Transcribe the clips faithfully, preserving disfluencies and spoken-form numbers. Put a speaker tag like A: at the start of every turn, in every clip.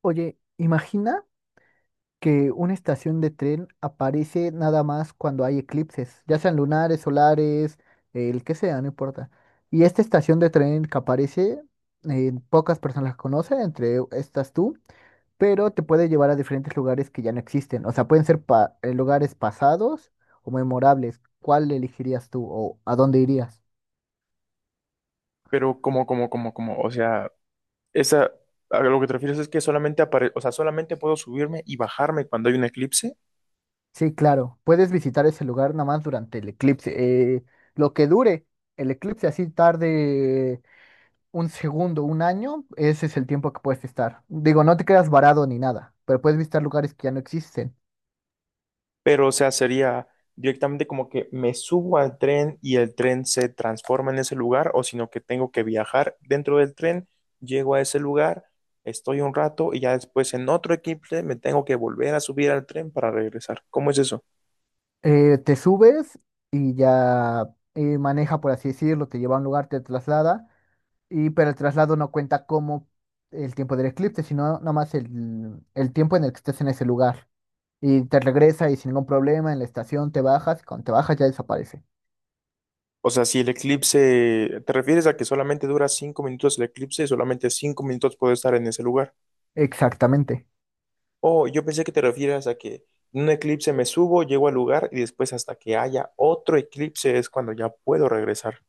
A: Oye, imagina que una estación de tren aparece nada más cuando hay eclipses, ya sean lunares, solares, el que sea, no importa. Y esta estación de tren que aparece, eh, pocas personas la conocen, entre estas tú, pero te puede llevar a diferentes lugares que ya no existen. O sea, pueden ser pa- eh, lugares pasados o memorables. ¿Cuál elegirías tú o a dónde irías?
B: Pero como, como, como, como, o sea, esa, a lo que te refieres es que solamente apare, o sea, solamente puedo subirme y bajarme cuando hay un eclipse,
A: Sí, claro, puedes visitar ese lugar nada más durante el eclipse. Eh, lo que dure el eclipse, así tarde un segundo, un año, ese es el tiempo que puedes estar. Digo, no te quedas varado ni nada, pero puedes visitar lugares que ya no existen.
B: pero o sea, sería directamente como que me subo al tren y el tren se transforma en ese lugar, o sino que tengo que viajar dentro del tren, llego a ese lugar, estoy un rato y ya después en otro eclipse me tengo que volver a subir al tren para regresar. ¿Cómo es eso?
A: Eh, te subes y ya eh, maneja, por así decirlo, te lleva a un lugar, te traslada, y, pero el traslado no cuenta como el tiempo del eclipse, sino nomás el, el tiempo en el que estés en ese lugar. Y te regresa y sin ningún problema en la estación te bajas, y cuando te bajas ya desaparece.
B: O sea, si el eclipse, ¿te refieres a que solamente dura cinco minutos el eclipse y solamente cinco minutos puedo estar en ese lugar?
A: Exactamente.
B: Oh, yo pensé que te refieras a que en un eclipse me subo, llego al lugar y después hasta que haya otro eclipse es cuando ya puedo regresar.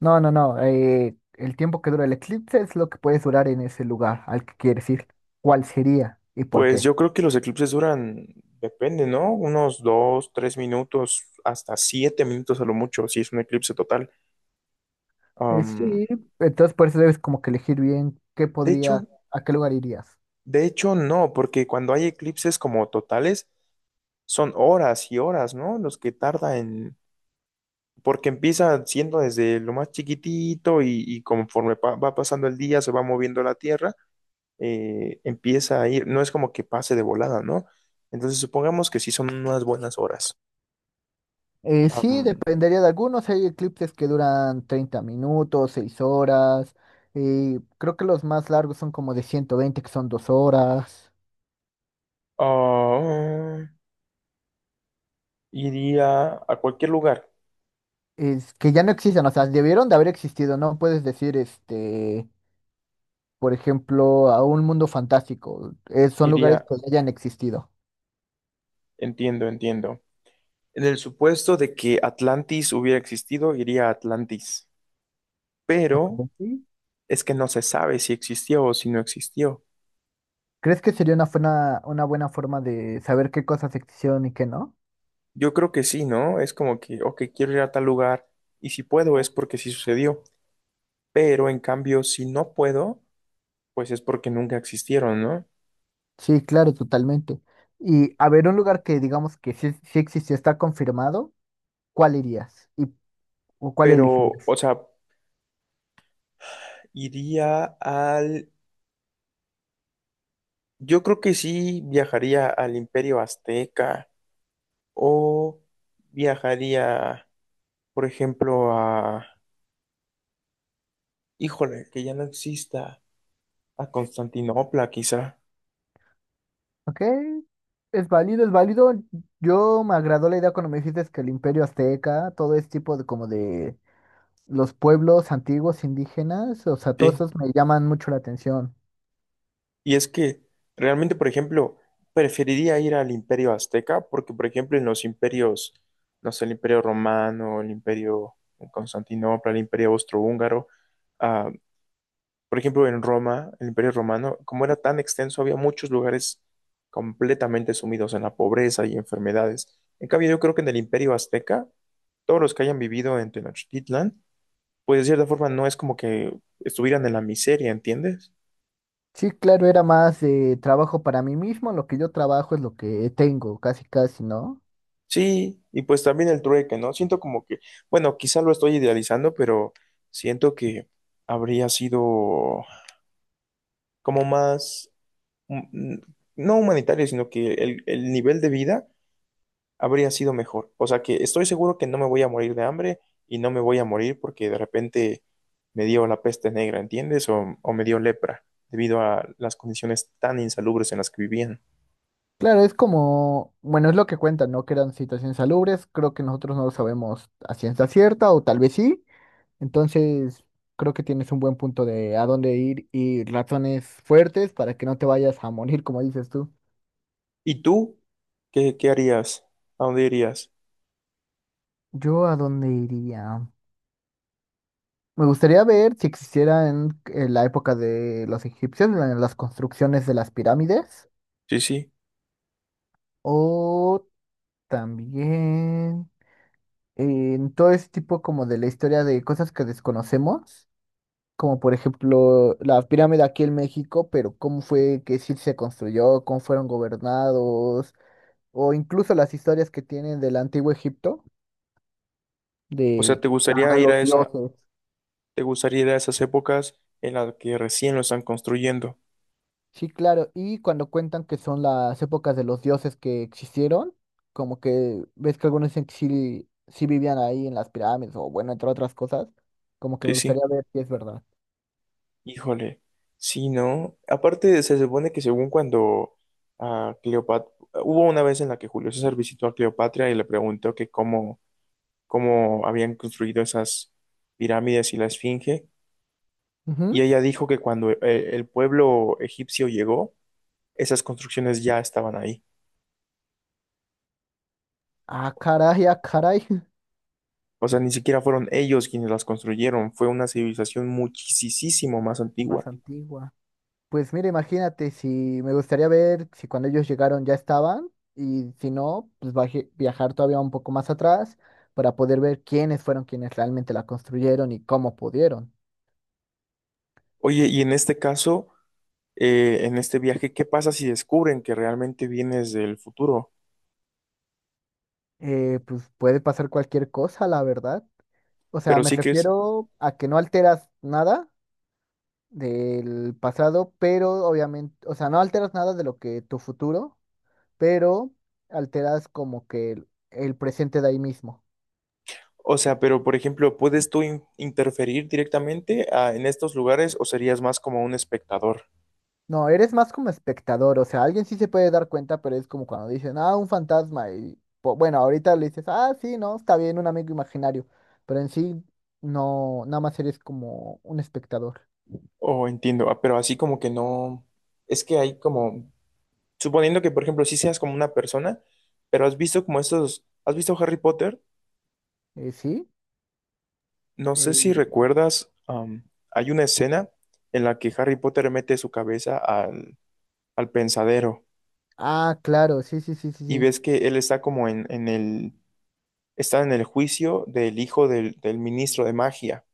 A: No, no, no. Eh, el tiempo que dura el eclipse es lo que puedes durar en ese lugar al que quieres ir. ¿Cuál sería y por
B: Pues
A: qué?
B: yo creo que los eclipses duran, depende, ¿no? Unos dos, tres minutos, hasta siete minutos a lo mucho, si es un eclipse total.
A: Eh,
B: Am,
A: sí, entonces por eso debes como que elegir bien qué
B: de
A: podría,
B: hecho,
A: a qué lugar irías.
B: de hecho no, porque cuando hay eclipses como totales, son horas y horas, ¿no? Los que tarda en... Porque empieza siendo desde lo más chiquitito y, y conforme pa- va pasando el día se va moviendo la Tierra, eh, empieza a ir, no es como que pase de volada, ¿no? Entonces supongamos que sí son unas buenas horas.
A: Eh, sí,
B: Am,
A: dependería de algunos. Hay eclipses que duran treinta minutos, seis horas. Y creo que los más largos son como de ciento veinte que son dos horas.
B: ah, iría a cualquier lugar,
A: Es que ya no existen, o sea, debieron de haber existido. No puedes decir, este, por ejemplo, a un mundo fantástico. Eh, son lugares
B: iría,
A: que hayan existido.
B: entiendo, entiendo. En el supuesto de que Atlantis hubiera existido, iría a Atlantis, pero
A: Como sí.
B: es que no se sabe si existió o si no existió.
A: ¿Crees que sería una buena, una buena forma de saber qué cosas existieron y qué no?
B: Yo creo que sí, ¿no? Es como que, ok, quiero ir a tal lugar y si puedo es porque sí sucedió, pero en cambio, si no puedo, pues es porque nunca existieron, ¿no?
A: Sí, claro, totalmente. Y a ver, un lugar que digamos que sí, sí existió, está confirmado, ¿cuál irías? ¿Y o cuál
B: Pero, o
A: elegirías?
B: sea, iría al... Yo creo que sí viajaría al Imperio Azteca o viajaría, por ejemplo, a... Híjole, que ya no exista, a Constantinopla quizá.
A: Ok, es válido, es válido. Yo me agradó la idea cuando me dijiste que el Imperio Azteca, todo este tipo de como de los pueblos antiguos indígenas, o sea, todos
B: Sí.
A: esos me llaman mucho la atención.
B: Y es que realmente, por ejemplo, preferiría ir al Imperio Azteca porque, por ejemplo, en los imperios, no sé, el Imperio Romano, el Imperio de Constantinopla, el Imperio Austrohúngaro. ah, Por ejemplo, en Roma, el Imperio Romano, como era tan extenso, había muchos lugares completamente sumidos en la pobreza y enfermedades. En cambio, yo creo que en el Imperio Azteca, todos los que hayan vivido en Tenochtitlan, pues de cierta forma no es como que estuvieran en la miseria, ¿entiendes?
A: Sí, claro, era más de trabajo para mí mismo, lo que yo trabajo es lo que tengo, casi casi, ¿no?
B: Sí, y pues también el trueque, ¿no? Siento como que, bueno, quizá lo estoy idealizando, pero siento que habría sido como más, mm, no humanitario, sino que el, el nivel de vida habría sido mejor. O sea que estoy seguro que no me voy a morir de hambre y no me voy a morir porque de repente me dio la peste negra, ¿entiendes? O, o me dio lepra debido a las condiciones tan insalubres en las que vivían.
A: Claro, es como, bueno, es lo que cuentan, ¿no? Que eran situaciones salubres, creo que nosotros no lo sabemos a ciencia cierta, o tal vez sí, entonces creo que tienes un buen punto de a dónde ir y razones fuertes para que no te vayas a morir, como dices tú.
B: ¿Y tú? ¿Qué, qué harías? ¿A dónde irías?
A: Yo a dónde iría. Me gustaría ver si existiera en, en la época de los egipcios, la- las construcciones de las pirámides.
B: Sí, sí.
A: O también eh, en todo ese tipo como de la historia de cosas que desconocemos, como por ejemplo la pirámide aquí en México, pero cómo fue que sí se construyó, cómo fueron gobernados, o incluso las historias que tienen del antiguo Egipto,
B: O sea,
A: de
B: ¿te gustaría
A: a
B: ir
A: los
B: a esa,
A: dioses.
B: te gustaría ir a esas épocas en las que recién lo están construyendo?
A: Sí, claro, y cuando cuentan que son las épocas de los dioses que existieron, como que ves que algunos dicen que sí, sí vivían ahí en las pirámides, o bueno, entre otras cosas, como que
B: Sí,
A: me gustaría
B: sí.
A: ver si es verdad.
B: Híjole, sí, ¿no? Aparte, se supone que según cuando a Cleopatra, hubo una vez en la que Julio César visitó a Cleopatra y le preguntó que cómo, cómo habían construido esas pirámides y la Esfinge, y ella dijo que cuando eh, el pueblo egipcio llegó, esas construcciones ya estaban ahí.
A: Ah, caray, ah, caray.
B: O sea, ni siquiera fueron ellos quienes las construyeron, fue una civilización muchísimo más
A: Más
B: antigua.
A: antigua. Pues mira, imagínate, si me gustaría ver si cuando ellos llegaron ya estaban y si no, pues baje- viajar todavía un poco más atrás para poder ver quiénes fueron quienes realmente la construyeron y cómo pudieron.
B: Oye, y en este caso, eh, en este viaje, ¿qué pasa si descubren que realmente vienes del futuro?
A: Eh, pues puede pasar cualquier cosa, la verdad. O sea,
B: Pero
A: me
B: sí que es,
A: refiero a que no alteras nada del pasado, pero obviamente, o sea, no alteras nada de lo que tu futuro, pero alteras como que el el presente de ahí mismo.
B: o sea, pero por ejemplo, ¿puedes tú in- interferir directamente ah, en estos lugares o serías más como un espectador?
A: No, eres más como espectador, o sea, alguien sí se puede dar cuenta, pero es como cuando dicen, ah, un fantasma, y po- bueno, ahorita le dices, ah, sí, no, está bien, un amigo imaginario, pero en sí, no, nada más eres como un espectador.
B: Oh, entiendo, ah, pero así como que no, es que hay como, suponiendo que por ejemplo sí seas como una persona, pero has visto como estos, ¿has visto Harry Potter?
A: Eh, ¿sí?
B: No sé si
A: Eh,
B: recuerdas, am, hay una escena en la que Harry Potter mete su cabeza al, al, pensadero
A: ah, claro, sí, sí, sí, sí,
B: y
A: sí.
B: ves que él está como en, en el, está en el juicio del hijo del del ministro de magia.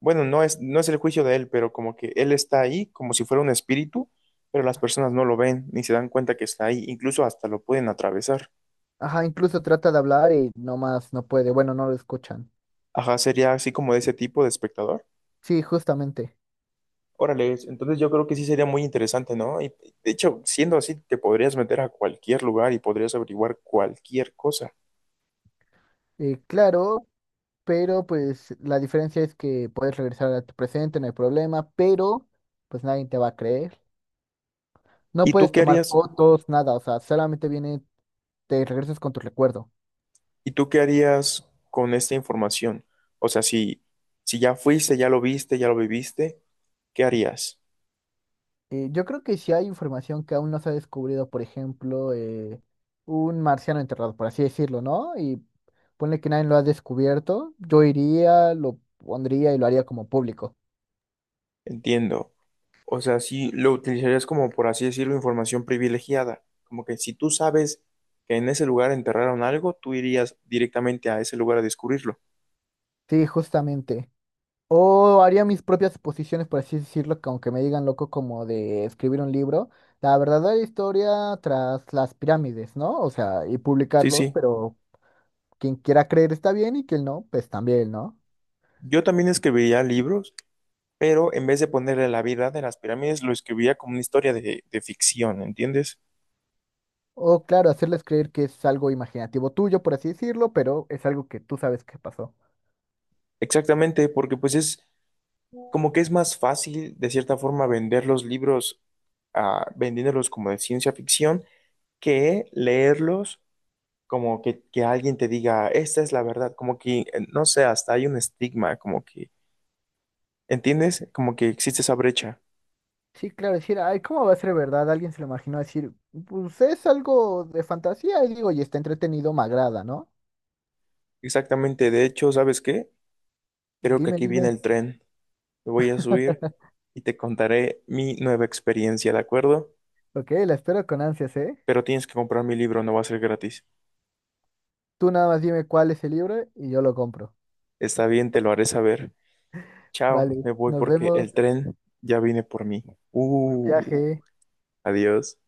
B: Bueno, no es, no es el juicio de él, pero como que él está ahí como si fuera un espíritu, pero las personas no lo ven ni se dan cuenta que está ahí, incluso hasta lo pueden atravesar.
A: Ajá, incluso trata de hablar y no más no puede, bueno, no lo escuchan.
B: Ajá, sería así como de ese tipo de espectador.
A: Sí, justamente.
B: Órale, entonces yo creo que sí sería muy interesante, ¿no? Y de hecho, siendo así, te podrías meter a cualquier lugar y podrías averiguar cualquier cosa.
A: Eh, claro, pero pues la diferencia es que puedes regresar a tu presente, no hay problema, pero pues nadie te va a creer. No
B: ¿Y tú
A: puedes
B: qué
A: tomar
B: harías?
A: fotos, nada, o sea, solamente viene, te regresas con tu recuerdo.
B: ¿Y tú qué harías con esta información? O sea, si, si ya fuiste, ya lo viste, ya lo viviste, ¿qué harías?
A: Eh, yo creo que si hay información que aún no se ha descubrido, por ejemplo, eh, un marciano enterrado, por así decirlo, ¿no? Y ponle que nadie lo ha descubierto, yo iría, lo pondría y lo haría como público.
B: Entiendo. O sea, sí lo utilizarías como, por así decirlo, información privilegiada. Como que si tú sabes que en ese lugar enterraron algo, tú irías directamente a ese lugar a descubrirlo.
A: Sí, justamente. O haría mis propias suposiciones, por así decirlo, que aunque me digan loco como de escribir un libro, la verdadera historia tras las pirámides, ¿no? O sea, y
B: Sí,
A: publicarlos,
B: sí.
A: pero quien quiera creer está bien y quien no, pues también, ¿no?
B: Yo también escribiría libros, pero en vez de ponerle la verdad de las pirámides, lo escribiría como una historia de, de ficción, ¿entiendes?
A: O claro, hacerles creer que es algo imaginativo tuyo, por así decirlo, pero es algo que tú sabes que pasó.
B: Exactamente, porque pues es como que es más fácil, de cierta forma, vender los libros, ah, vendiéndolos como de ciencia ficción, que leerlos como que, que alguien te diga, esta es la verdad, como que, eh, no sé, hasta hay un estigma, como que, ¿entiendes? Como que existe esa brecha.
A: Sí, claro, decir, ay, ¿cómo va a ser verdad? Alguien se lo imaginó decir, pues es algo de fantasía, y digo, y está entretenido, me agrada, ¿no?
B: Exactamente, de hecho, ¿sabes qué? Creo que
A: Dime,
B: aquí viene
A: dime.
B: el tren. Me voy a subir y te contaré mi nueva experiencia, ¿de acuerdo?
A: Ok, la espero con ansias, ¿eh?
B: Pero tienes que comprar mi libro, no va a ser gratis.
A: Tú nada más dime cuál es el libro y yo lo compro.
B: Está bien, te lo haré saber. Chao,
A: Vale,
B: me voy
A: nos
B: porque
A: vemos.
B: el tren ya viene por mí.
A: Buen
B: Uh,
A: viaje.
B: adiós.